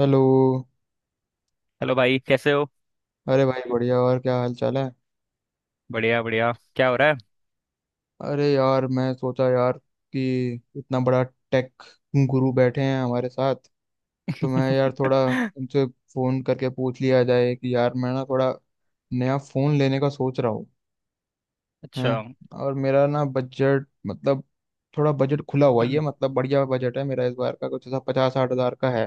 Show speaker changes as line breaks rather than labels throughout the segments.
Hello.
Hello भाई, कैसे हो।
अरे भाई, बढ़िया। और क्या हाल चाल है?
बढ़िया बढ़िया, क्या हो रहा है।
अरे यार, मैं सोचा यार कि इतना बड़ा टेक गुरु बैठे हैं हमारे साथ, तो मैं यार थोड़ा उनसे फ़ोन करके पूछ लिया जाए कि यार मैं ना थोड़ा नया फ़ोन लेने का सोच रहा हूँ।
अच्छा।
हैं, और मेरा ना बजट मतलब थोड़ा बजट खुला हुआ ही है, मतलब बढ़िया बजट है मेरा इस बार का, कुछ ऐसा 50-60 हज़ार का है।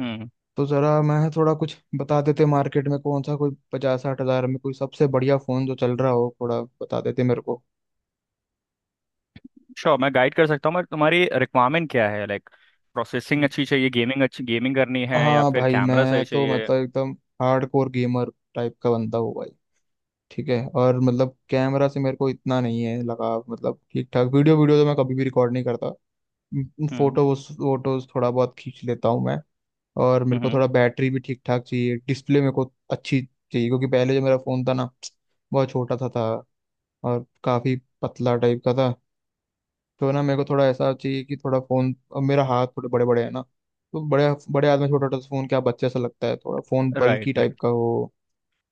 हम्म।
तो जरा मैं थोड़ा कुछ बता देते मार्केट में कौन सा, कोई 50-60 हजार में कोई सबसे बढ़िया फोन जो चल रहा हो, थोड़ा बता देते मेरे को।
श्योर, मैं गाइड कर सकता हूँ मगर तुम्हारी रिक्वायरमेंट क्या है? लाइक, प्रोसेसिंग अच्छी चाहिए, गेमिंग अच्छी, गेमिंग करनी है या
हाँ
फिर
भाई,
कैमरा
मैं
सही
तो
चाहिए।
मतलब एकदम हार्डकोर गेमर टाइप का बंदा हूँ भाई। ठीक है, और मतलब कैमरा से मेरे को इतना नहीं है लगाव, मतलब ठीक ठाक। वीडियो वीडियो तो मैं कभी भी रिकॉर्ड नहीं करता।
हम्म।
फोटो फोटोज थोड़ा बहुत खींच लेता हूँ मैं। और मेरे को
हम्म।
थोड़ा बैटरी भी ठीक ठाक चाहिए, डिस्प्ले मेरे को अच्छी चाहिए, क्योंकि पहले जो मेरा फोन था ना, बहुत छोटा सा था और काफी पतला टाइप का था। तो ना मेरे को थोड़ा ऐसा चाहिए कि थोड़ा फोन, अब मेरा हाथ थोड़े बड़े बड़े है ना, तो बड़े बड़े हाथ में छोटा छोटा फोन क्या बच्चे सा लगता है, थोड़ा फोन
राइट
बल्की टाइप
राइट।
का हो।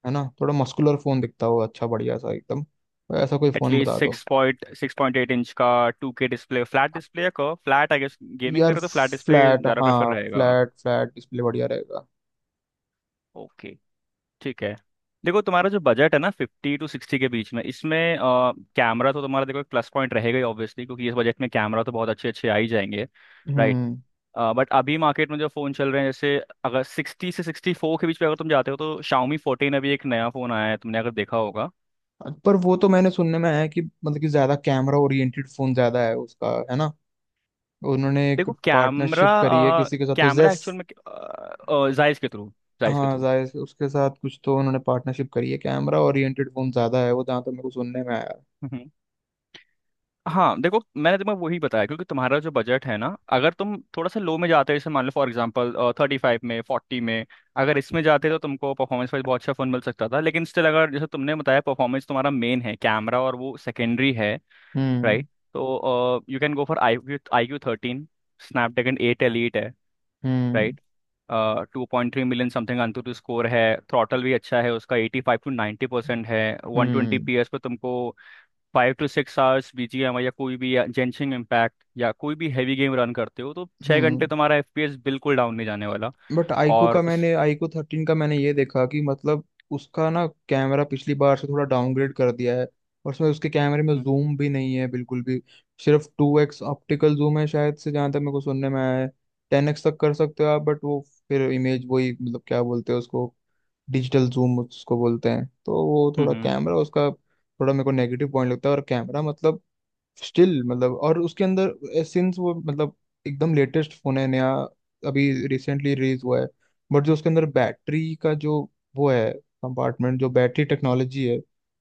है ना, थोड़ा मस्कुलर फोन दिखता हो, अच्छा बढ़िया सा एकदम। तो ऐसा कोई फोन
एटलीस्ट
बता दो।
6.6-6.8 इंच का 2K डिस्प्ले, फ्लैट डिस्प्ले या curve? Flat I guess. Gaming
यार
करो तो फ्लैट डिस्प्ले
फ्लैट,
ज़्यादा प्रेफर
हाँ,
रहेगा।
फ्लैट फ्लैट डिस्प्ले बढ़िया रहेगा।
ओके, ठीक है। देखो, तुम्हारा जो बजट है ना, 50 से 60 के बीच में, इसमें कैमरा तो तुम्हारा देखो एक प्लस पॉइंट रहेगा ही, ऑब्वियसली, क्योंकि इस बजट में कैमरा तो बहुत अच्छे अच्छे आ ही जाएंगे। राइट।
हम्म।
बट अभी मार्केट में जो फ़ोन चल रहे हैं, जैसे अगर 60 से 64 के बीच पे अगर तुम जाते हो, तो शाओमी 14, अभी एक नया फ़ोन आया है, तुमने अगर देखा होगा।
पर वो तो मैंने सुनने में है कि मतलब कि ज्यादा कैमरा ओरिएंटेड फोन ज्यादा है उसका, है ना? उन्होंने एक
देखो कैमरा,
पार्टनरशिप करी है किसी के साथ तो
कैमरा
जेस।
एक्चुअल में जायज़ के थ्रू, जायज़ के
हाँ,
थ्रू।
जाहिर से उसके साथ कुछ तो उन्होंने पार्टनरशिप करी है, कैमरा ओरिएंटेड फोन ज्यादा है वो, जहाँ तो मेरे को सुनने में आया।
हाँ देखो, मैंने तुम्हें वही बताया क्योंकि तुम्हारा जो बजट है ना, अगर तुम थोड़ा सा लो में जाते, जैसे मान लो फॉर एग्जांपल, 35 में, 40 में, अगर इसमें जाते तो तुमको परफॉर्मेंस वाइज बहुत अच्छा फोन मिल सकता था, लेकिन स्टिल अगर जैसे तुमने बताया, परफॉर्मेंस तुम्हारा मेन है, कैमरा और वो सेकेंडरी है।
हम्म।
राइट। तो you can go for I Q, iQOO 13। Snapdragon eight elite है।
हम्म।
Right. 2.3 million something AnTuTu score है। थ्रॉटल भी अच्छा है उसका, 85 से 90% है, वन ट्वेंटी
हम्म।
पी एस पे तुमको 5 से 6 आवर्स बीजीएम या कोई भी जेंशिंग इम्पैक्ट या कोई भी हैवी गेम रन करते हो तो 6 घंटे
हम्म।
तुम्हारा एफपीएस बिल्कुल डाउन नहीं जाने वाला।
बट
और उस।
iQOO 13 का मैंने ये देखा कि मतलब उसका ना कैमरा पिछली बार से थोड़ा डाउनग्रेड कर दिया है, और उसमें उसके कैमरे में
हम्म।
जूम भी नहीं है बिल्कुल भी। सिर्फ 2x ऑप्टिकल जूम है शायद से, जहाँ तक मेरे को सुनने में आया है। 10x तक कर सकते हो आप, बट वो फिर इमेज वही, मतलब क्या बोलते हैं उसको, डिजिटल जूम उसको बोलते हैं। तो वो थोड़ा
हम्म।
कैमरा उसका थोड़ा मेरे को नेगेटिव पॉइंट लगता है। और कैमरा मतलब स्टिल, मतलब और उसके अंदर सिंस वो मतलब एकदम लेटेस्ट फोन है, नया, अभी रिसेंटली रिलीज हुआ है। बट जो उसके अंदर बैटरी का जो वो है कंपार्टमेंट, जो बैटरी टेक्नोलॉजी है,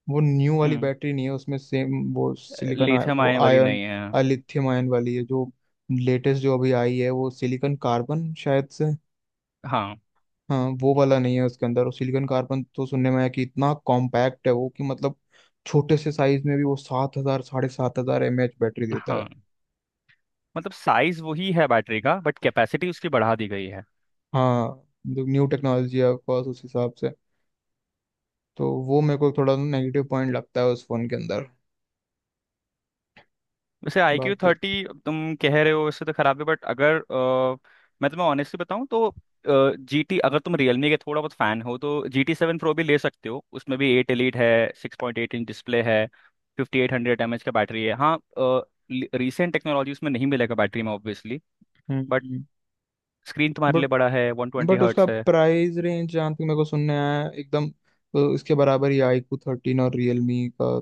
वो न्यू वाली
हम्म।
बैटरी नहीं है उसमें, सेम वो सिलिकॉन
लिथियम
वो
आयन वाली
आयन,
नहीं है।
लिथियम आयन वाली है। जो लेटेस्ट जो अभी आई है वो सिलिकॉन कार्बन शायद से,
हाँ।
हाँ, वो वाला नहीं है उसके अंदर। और सिलिकॉन कार्बन तो सुनने में आया कि इतना कॉम्पैक्ट है वो कि मतलब छोटे से साइज में भी वो 7 हजार, 7.5 हजार एम एच बैटरी देता
हाँ,
है।
मतलब साइज वही है बैटरी का बट कैपेसिटी उसकी बढ़ा दी गई है।
हाँ, न्यू टेक्नोलॉजी है ऑफकोर्स उस हिसाब से। तो वो मेरे को थोड़ा नेगेटिव पॉइंट लगता है उस फोन के अंदर।
वैसे आई क्यू
बाकी
थर्टी तुम कह रहे हो, वैसे तो खराब है, बट अगर मैं तुम्हें ऑनेस्टली बताऊं तो जी टी, अगर तुम रियलमी के थोड़ा बहुत फैन हो तो GT 7 Pro भी ले सकते हो, उसमें भी एट एलीट है। 6.8 इंच डिस्प्ले है। 5800 mAh का बैटरी है। हाँ, रिसेंट टेक्नोलॉजी उसमें नहीं मिलेगा बैटरी में, ऑब्वियसली। बट
हम्म।
स्क्रीन तुम्हारे लिए
बट
बड़ा है, वन ट्वेंटी
बट उसका
हर्ट्स है।
प्राइस रेंज जहाँ तक मेरे को सुनने आया है, एकदम इसके बराबर ही iQOO 13 और रियलमी का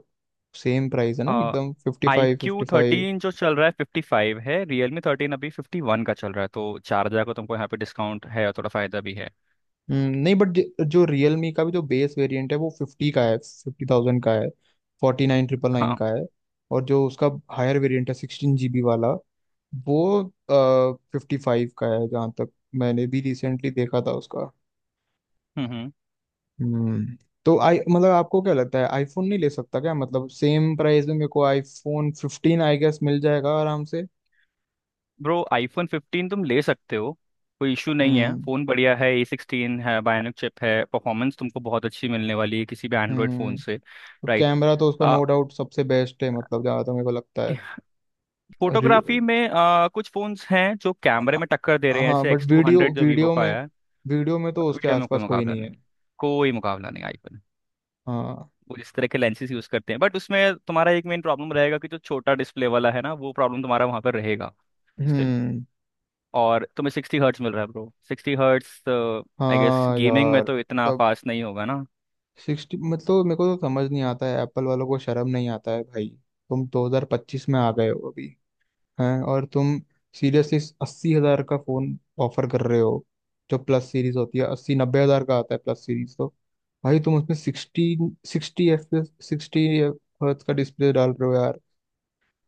सेम प्राइस है ना एकदम, fifty
I Q
five
thirteen जो चल रहा है 55 है, रियलमी 13 अभी 51 का चल रहा है, तो 4,000 का तुमको यहाँ पे डिस्काउंट है और थोड़ा फायदा भी है।
नहीं, बट जो रियलमी का भी जो बेस वेरिएंट है वो 50 का है, 50,000 का है, 49,999
हाँ।
का है। और जो उसका हायर वेरिएंट है 16 GB वाला, वो 55 का है जहाँ तक मैंने भी रिसेंटली देखा था उसका।
हम्म हम्म।
हम्म। तो आई मतलब आपको क्या लगता है, आईफोन नहीं ले सकता क्या, मतलब सेम प्राइस में मेरे को iPhone 15 आई गेस मिल जाएगा आराम से।
ब्रो, iPhone 15 तुम ले सकते हो, कोई इशू नहीं है,
हम्म।
फ़ोन बढ़िया है, A16 है, बायोनिक चिप है, परफॉर्मेंस तुमको बहुत अच्छी मिलने वाली है किसी भी एंड्रॉयड फ़ोन
हम्म।
से।
तो
राइट।
कैमरा तो उसका
आ,
नो डाउट सबसे बेस्ट है, मतलब जहाँ तक मेरे को लगता
फोटोग्राफी में कुछ फ़ोन्स हैं जो कैमरे में टक्कर दे
है।
रहे हैं,
हाँ
जैसे
but
X two
video,
hundred जो वीवो
वीडियो
का
में,
आया है।
वीडियो में तो उसके
वीडियो में कोई
आसपास कोई
मुकाबला
नहीं
नहीं,
है।
कोई मुकाबला नहीं आईफोन।
हाँ।
वो जिस तरह के लेंसेज यूज़ करते हैं, बट उसमें तुम्हारा एक मेन प्रॉब्लम रहेगा कि जो छोटा डिस्प्ले वाला है ना, वो प्रॉब्लम तुम्हारा वहाँ पर रहेगा।
हम्म।
और तुम्हें 60Hz मिल रहा है ब्रो, 60Hz। आई गेस
हाँ
गेमिंग में
यार।
तो इतना
तब
फास्ट नहीं होगा ना।
सिक्सटी, मतलब मेरे को तो समझ नहीं आता है, एप्पल वालों को शर्म नहीं आता है भाई, तुम 2025 में आ गए हो अभी। हैं, और तुम सीरियसली 80 हजार का फोन ऑफर कर रहे हो। जो प्लस सीरीज होती है 80-90 हजार का आता है प्लस सीरीज, तो भाई तुम उसमें सिक्सटी, सिक्सटी एफ, 60 Hz का डिस्प्ले डाल रहे हो?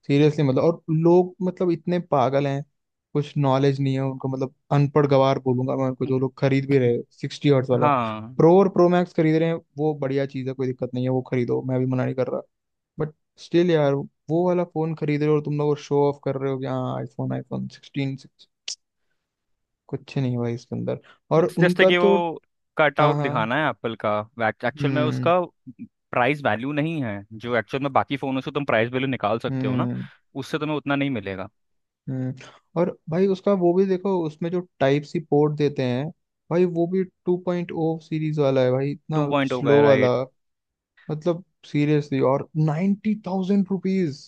सीरियसली, मतलब। और लोग मतलब इतने पागल हैं, कुछ नॉलेज नहीं है उनको, मतलब अनपढ़ गवार बोलूंगा मैं उनको,
हम्म,
जो लोग खरीद भी रहे 60 Hz वाला।
हाँ।
प्रो और प्रो मैक्स खरीद रहे हैं वो बढ़िया चीज़ है, कोई दिक्कत नहीं है, वो खरीदो, मैं भी मना नहीं कर रहा। बट स्टिल यार, वो वाला फोन खरीद रहे हो और तुम लोग शो ऑफ कर रहे हो कि हाँ आईफोन, iPhone 16। कुछ नहीं है भाई इसके अंदर। और
उस जैसे
उनका
कि
तो
वो कट
हाँ,
आउट
हाँ।
दिखाना है एप्पल का। एक्चुअल में
हम्म।
उसका प्राइस वैल्यू नहीं है, जो एक्चुअल में बाकी फ़ोनों से तुम प्राइस वैल्यू निकाल सकते हो ना,
हम्म।
उससे तुम्हें उतना नहीं मिलेगा।
हम्म। और भाई उसका वो भी देखो, उसमें जो टाइप सी पोर्ट देते हैं, भाई वो भी 2.0 सीरीज वाला है भाई, इतना
टू पॉइंट हो गया,
स्लो वाला,
राइट।
मतलब सीरियसली। और 90,000 रुपीज।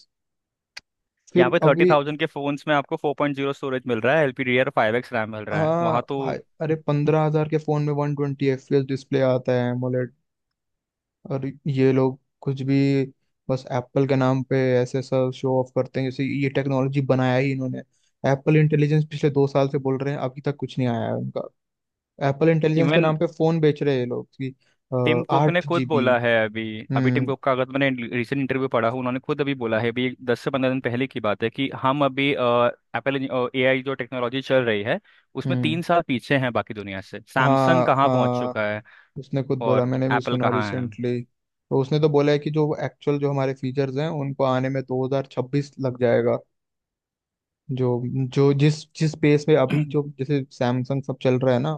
यहाँ
फिर
पे थर्टी
अभी
थाउजेंड के फ़ोन्स में आपको 4.0 स्टोरेज मिल रहा है, LPDDR5X रैम मिल रहा है
हाँ
वहाँ
भाई,
तो।
अरे 15 हजार के फोन में 120 FPS डिस्प्ले आता है AMOLED। और ये लोग कुछ भी, बस एप्पल के नाम पे ऐसे सब शो ऑफ करते हैं जैसे ये टेक्नोलॉजी बनाया ही इन्होंने। एप्पल इंटेलिजेंस पिछले 2 साल से बोल रहे हैं, अभी तक कुछ नहीं आया है उनका। एप्पल इंटेलिजेंस के
इवन
नाम पे फोन बेच रहे हैं ये लोग कि
टिम कुक ने
आठ
खुद
जीबी
बोला है अभी। अभी टिम
हम्म।
कुक का, अगर मैंने रिसेंट इंटरव्यू पढ़ा हूँ, उन्होंने खुद अभी बोला है, अभी 10 से 15 दिन पहले की बात है कि हम अभी एप्पल, एआई जो टेक्नोलॉजी चल रही है, उसमें
हम्म।
3 साल पीछे हैं बाकी दुनिया से। सैमसंग
हाँ,
कहाँ पहुंच
हाँ,
चुका है
उसने खुद बोला,
और
मैंने भी
एप्पल
सुना
कहाँ
रिसेंटली, तो उसने तो बोला है कि जो एक्चुअल जो हमारे फीचर्स हैं उनको आने में 2026 लग जाएगा। जो जो जिस जिस पेस पे
है।
अभी जो जैसे सैमसंग सब चल रहा है ना,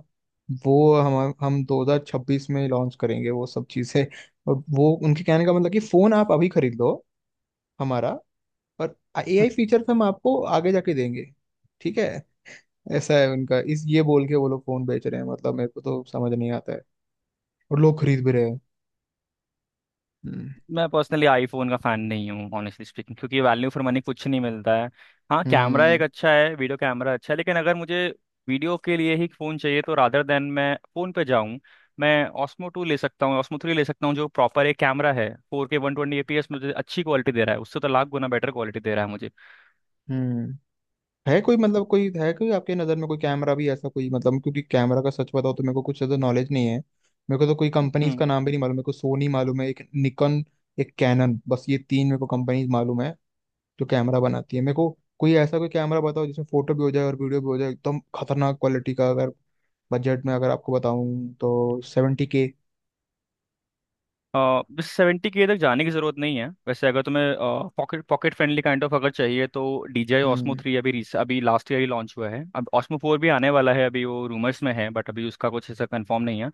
वो हम 2026 में लॉन्च करेंगे वो सब चीज़ें। और वो उनके कहने का मतलब कि फ़ोन आप अभी खरीद लो हमारा, और एआई फीचर्स हम आपको आगे जाके देंगे, ठीक है। ऐसा है उनका, इस ये बोल के वो लोग फोन बेच रहे हैं, मतलब मेरे को तो समझ नहीं आता है। और लोग खरीद भी रहे हैं। हम्म।
मैं पर्सनली आईफोन का फैन नहीं हूँ, ऑनेस्टली स्पीकिंग, क्योंकि वैल्यू फॉर मनी कुछ नहीं मिलता है। हाँ कैमरा एक
हम्म।
अच्छा है, वीडियो कैमरा अच्छा है, लेकिन अगर मुझे वीडियो के लिए ही फ़ोन चाहिए तो रादर देन मैं फ़ोन पे जाऊँ, मैं ऑस्मो टू ले सकता हूँ, ऑस्मो थ्री ले सकता हूँ, जो प्रॉपर एक कैमरा है, 4K 120 FPS मुझे अच्छी क्वालिटी दे रहा है, उससे तो लाख गुना बेटर क्वालिटी दे रहा है मुझे।
हम्म। है कोई, मतलब कोई है कोई आपके नज़र में कोई कैमरा भी ऐसा कोई, मतलब क्योंकि कैमरा का सच बताओ तो मेरे को कुछ ज़्यादा नॉलेज नहीं है। मेरे को तो कोई कंपनीज का
हम्म।
नाम भी नहीं मालूम, मेरे को सोनी मालूम है, एक निकॉन, एक कैनन, बस ये तीन मेरे को कंपनीज मालूम है जो कैमरा बनाती है। मेरे को कोई ऐसा कोई कैमरा बताओ जिसमें फोटो भी हो जाए और वीडियो भी हो जाए एकदम खतरनाक क्वालिटी का। अगर बजट में अगर आपको बताऊं तो 70 के।
अ, बस 70K तक जाने की ज़रूरत नहीं है वैसे, अगर तुम्हें pocket pocket friendly kind of अगर चाहिए तो DJI Osmo
हम्म।
3 अभी लास्ट ईयर ही लॉन्च हुआ है, अब Osmo 4 भी आने वाला है, अभी वो रूमर्स में है, बट अभी उसका कुछ ऐसा कंफर्म नहीं है।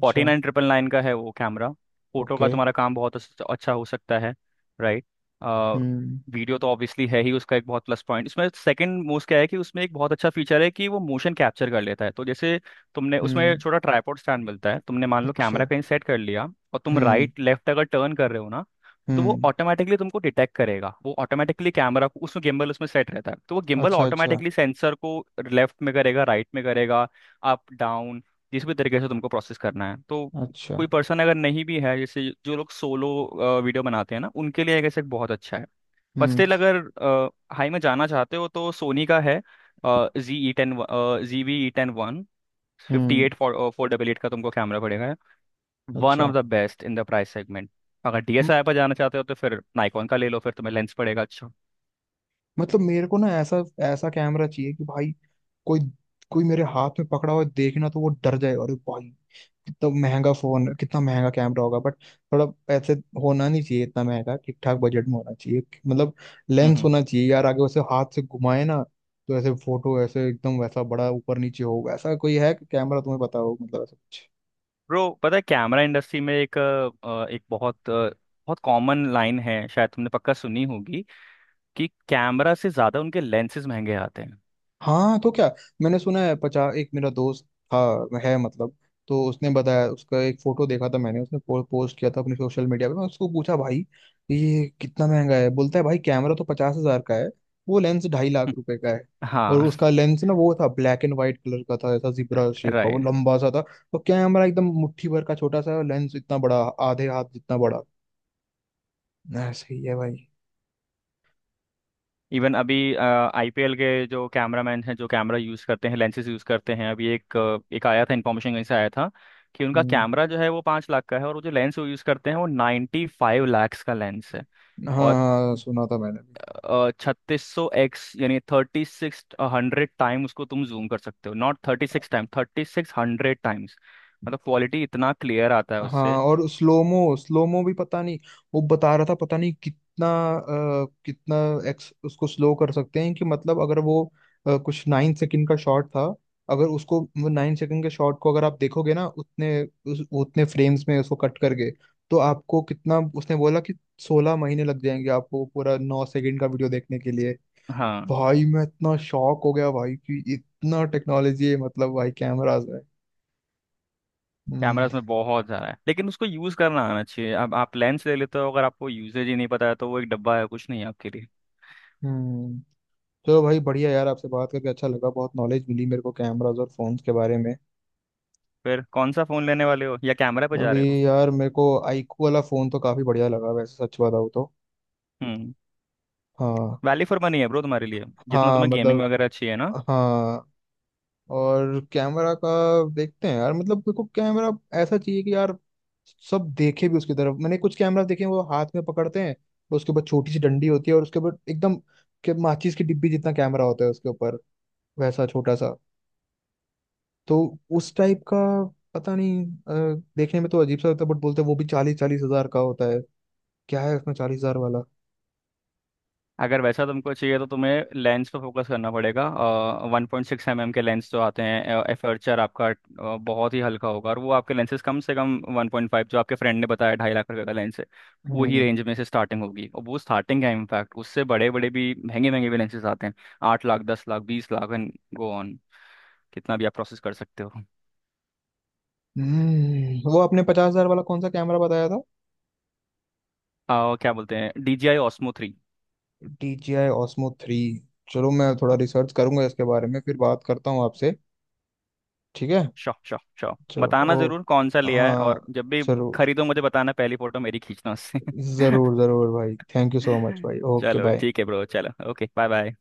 फोर्टी नाइन ट्रिपल नाइन का है वो कैमरा। फोटो का
ओके।
तुम्हारा काम बहुत अच्छा हो सकता है। राइट।
हम्म।
वीडियो तो ऑब्वियसली है ही उसका एक बहुत प्लस पॉइंट, उसमें सेकंड मोस्ट क्या है कि उसमें एक बहुत अच्छा फीचर है कि वो मोशन कैप्चर कर लेता है, तो जैसे तुमने उसमें
हम्म।
छोटा ट्राइपॉड स्टैंड मिलता है, तुमने मान लो
अच्छा।
कैमरा कहीं सेट कर लिया और तुम
हम्म।
राइट लेफ्ट अगर टर्न कर रहे हो ना, तो वो
हम्म।
ऑटोमेटिकली तुमको डिटेक्ट करेगा, वो ऑटोमेटिकली कैमरा को उसमें गिम्बल उसमें सेट रहता है, तो वो गिम्बल
अच्छा, अच्छा।
ऑटोमेटिकली सेंसर को लेफ्ट में करेगा, राइट में करेगा, अप डाउन, जिस भी तरीके से तुमको प्रोसेस करना है, तो
अच्छा।
कोई पर्सन अगर नहीं भी है, जैसे जो लोग सोलो वीडियो बनाते हैं ना, उनके लिए आई गेस एक बहुत अच्छा है। बट
हम्म।
स्टिल अगर हाई में जाना चाहते हो तो सोनी का है G E ten, G B E ten one, fifty
हम्म।
Eight four four double eight का तुमको कैमरा पड़ेगा। वन ऑफ
अच्छा,
the best in the price segment. अगर डीएसएलआर पर जाना चाहते हो तो फिर नाइकॉन का ले लो, फिर तुम्हें लेंस पड़ेगा अच्छा।
मतलब मेरे को ना ऐसा, ऐसा कैमरा चाहिए कि भाई कोई, कोई मेरे हाथ में पकड़ा हुआ देखे ना तो वो डर जाए, अरे भाई कितना महंगा फोन, कितना महंगा कैमरा होगा। बट थोड़ा ऐसे होना नहीं चाहिए इतना महंगा, ठीक ठाक बजट में होना चाहिए, मतलब। लेंस
हम्म।
होना चाहिए यार आगे वैसे, हाथ से घुमाए ना तो ऐसे फोटो ऐसे एकदम वैसा बड़ा ऊपर नीचे हो, ऐसा कोई है कि कैमरा तुम्हें पता हो, मतलब ऐसा कुछ।
ब्रो पता है, कैमरा इंडस्ट्री में एक बहुत बहुत कॉमन लाइन है, शायद तुमने पक्का सुनी होगी कि कैमरा से ज्यादा उनके लेंसेज महंगे आते हैं।
हाँ तो क्या, मैंने सुना है, पचास, एक मेरा दोस्त था, है मतलब, तो उसने बताया, उसका एक फोटो देखा था मैंने, उसने पोस्ट किया था अपने सोशल मीडिया पे, मैं उसको पूछा भाई ये कितना महंगा है। बोलता है भाई कैमरा तो 50,000 का है, वो लेंस 2.5 लाख रुपए का है। और
हाँ।
उसका लेंस ना, वो था ब्लैक एंड व्हाइट कलर का था, ऐसा जिब्रा शेप का, वो
राइट।
लंबा सा था। तो कैमरा एकदम मुट्ठी भर का छोटा सा है और लेंस इतना बड़ा, आधे हाथ जितना बड़ा, ऐसे ही है भाई।
इवन अभी आईपीएल के जो कैमरामैन हैं, जो कैमरा यूज़ करते हैं, लेंसेज यूज़ करते हैं, अभी एक आया था, इन्फॉर्मेशन कहीं से आया था कि उनका
हम्म।
कैमरा जो है वो 5 लाख का है, और वो जो लेंस वो यूज़ करते हैं वो 95 लाख का लेंस है।
हाँ,
और
हाँ सुना था मैंने भी।
3600x यानी 3600 times उसको तुम जूम कर सकते हो, नॉट 36 times, 3600 times। मतलब क्वालिटी इतना क्लियर आता है
हाँ,
उससे।
और स्लोमो, स्लोमो भी पता नहीं, वो बता रहा था पता नहीं कितना, कितना एक्स उसको स्लो कर सकते हैं, कि मतलब अगर वो कुछ 9 सेकंड का शॉट था, अगर उसको वो 9 सेकंड के शॉट को अगर आप देखोगे ना उतने उतने फ्रेम्स में उसको कट करके, तो आपको कितना, उसने बोला कि 16 महीने लग जाएंगे आपको पूरा 9 सेकंड का वीडियो देखने के लिए।
हाँ
भाई मैं इतना शॉक हो गया भाई कि इतना टेक्नोलॉजी है, मतलब भाई कैमराज है।
कैमरा
हम्म।
उसमें बहुत सारा है लेकिन उसको यूज करना आना चाहिए। अब आप लेंस ले लेते हो अगर आपको यूजेज ही नहीं पता है तो वो एक डब्बा है, कुछ नहीं है आपके लिए।
हम्म। चलो भाई बढ़िया, यार आपसे बात करके अच्छा लगा, बहुत नॉलेज मिली मेरे को कैमरास और फोन्स के बारे में।
फिर कौन सा फोन लेने वाले हो या कैमरा पे जा
अभी
रहे हो?
यार मेरे को आईक्यू वाला फोन तो काफी बढ़िया लगा वैसे, सच बताऊँ तो।
हम्म।
हाँ।
वैल्यू फॉर मनी है ब्रो तुम्हारे लिए, जितना
हाँ,
तुम्हें गेमिंग
मतलब।
वगैरह अच्छी है ना।
हाँ, और कैमरा का देखते हैं यार, मतलब मेरे को कैमरा ऐसा चाहिए कि यार सब देखे भी उसकी तरफ। मैंने कुछ कैमरा देखे हैं, वो हाथ में पकड़ते हैं, उसके ऊपर छोटी सी डंडी होती है, और उसके ऊपर एकदम के माचिस की डिब्बी जितना कैमरा होता है उसके ऊपर, वैसा छोटा सा, तो उस टाइप का। पता नहीं, देखने में तो अजीब सा लगता है बट बोलते हैं वो भी 40-40 हजार का होता है। क्या है उसमें 40 हजार वाला?
अगर वैसा तुमको चाहिए तो तुम्हें लेंस पे फोकस करना पड़ेगा। 1.6 mm के लेंस जो आते हैं, एपर्चर आपका बहुत ही हल्का होगा, और वो आपके लेंसेज कम से कम 1.5, जो आपके फ्रेंड ने बताया ₹2.5 लाख का लेंस है, वही
हम्म।
रेंज में से स्टार्टिंग होगी, और वो स्टार्टिंग है, इनफैक्ट उससे बड़े बड़े भी, महंगे महंगे भी लेंसेज आते हैं। 8 lakh, 10 lakh, 20 lakh, and go on. कितना भी आप प्रोसेस कर सकते हो।
वो आपने 50,000 वाला कौन सा कैमरा बताया था?
क्या बोलते हैं, D J I Osmo three.
DJI Osmo 3। चलो, मैं थोड़ा रिसर्च करूंगा इसके बारे में, फिर बात करता हूँ आपसे, ठीक है।
शॉ शॉ शॉ।
चलो।
बताना
ओ।
जरूर कौन सा लिया है, और
हाँ।
जब भी
जरूर,
खरीदो मुझे बताना, पहली फोटो मेरी खींचना उससे।
जरूर, जरूर भाई, थैंक यू सो मच भाई, ओके
चलो
बाय।
ठीक है ब्रो, चलो ओके बाय बाय।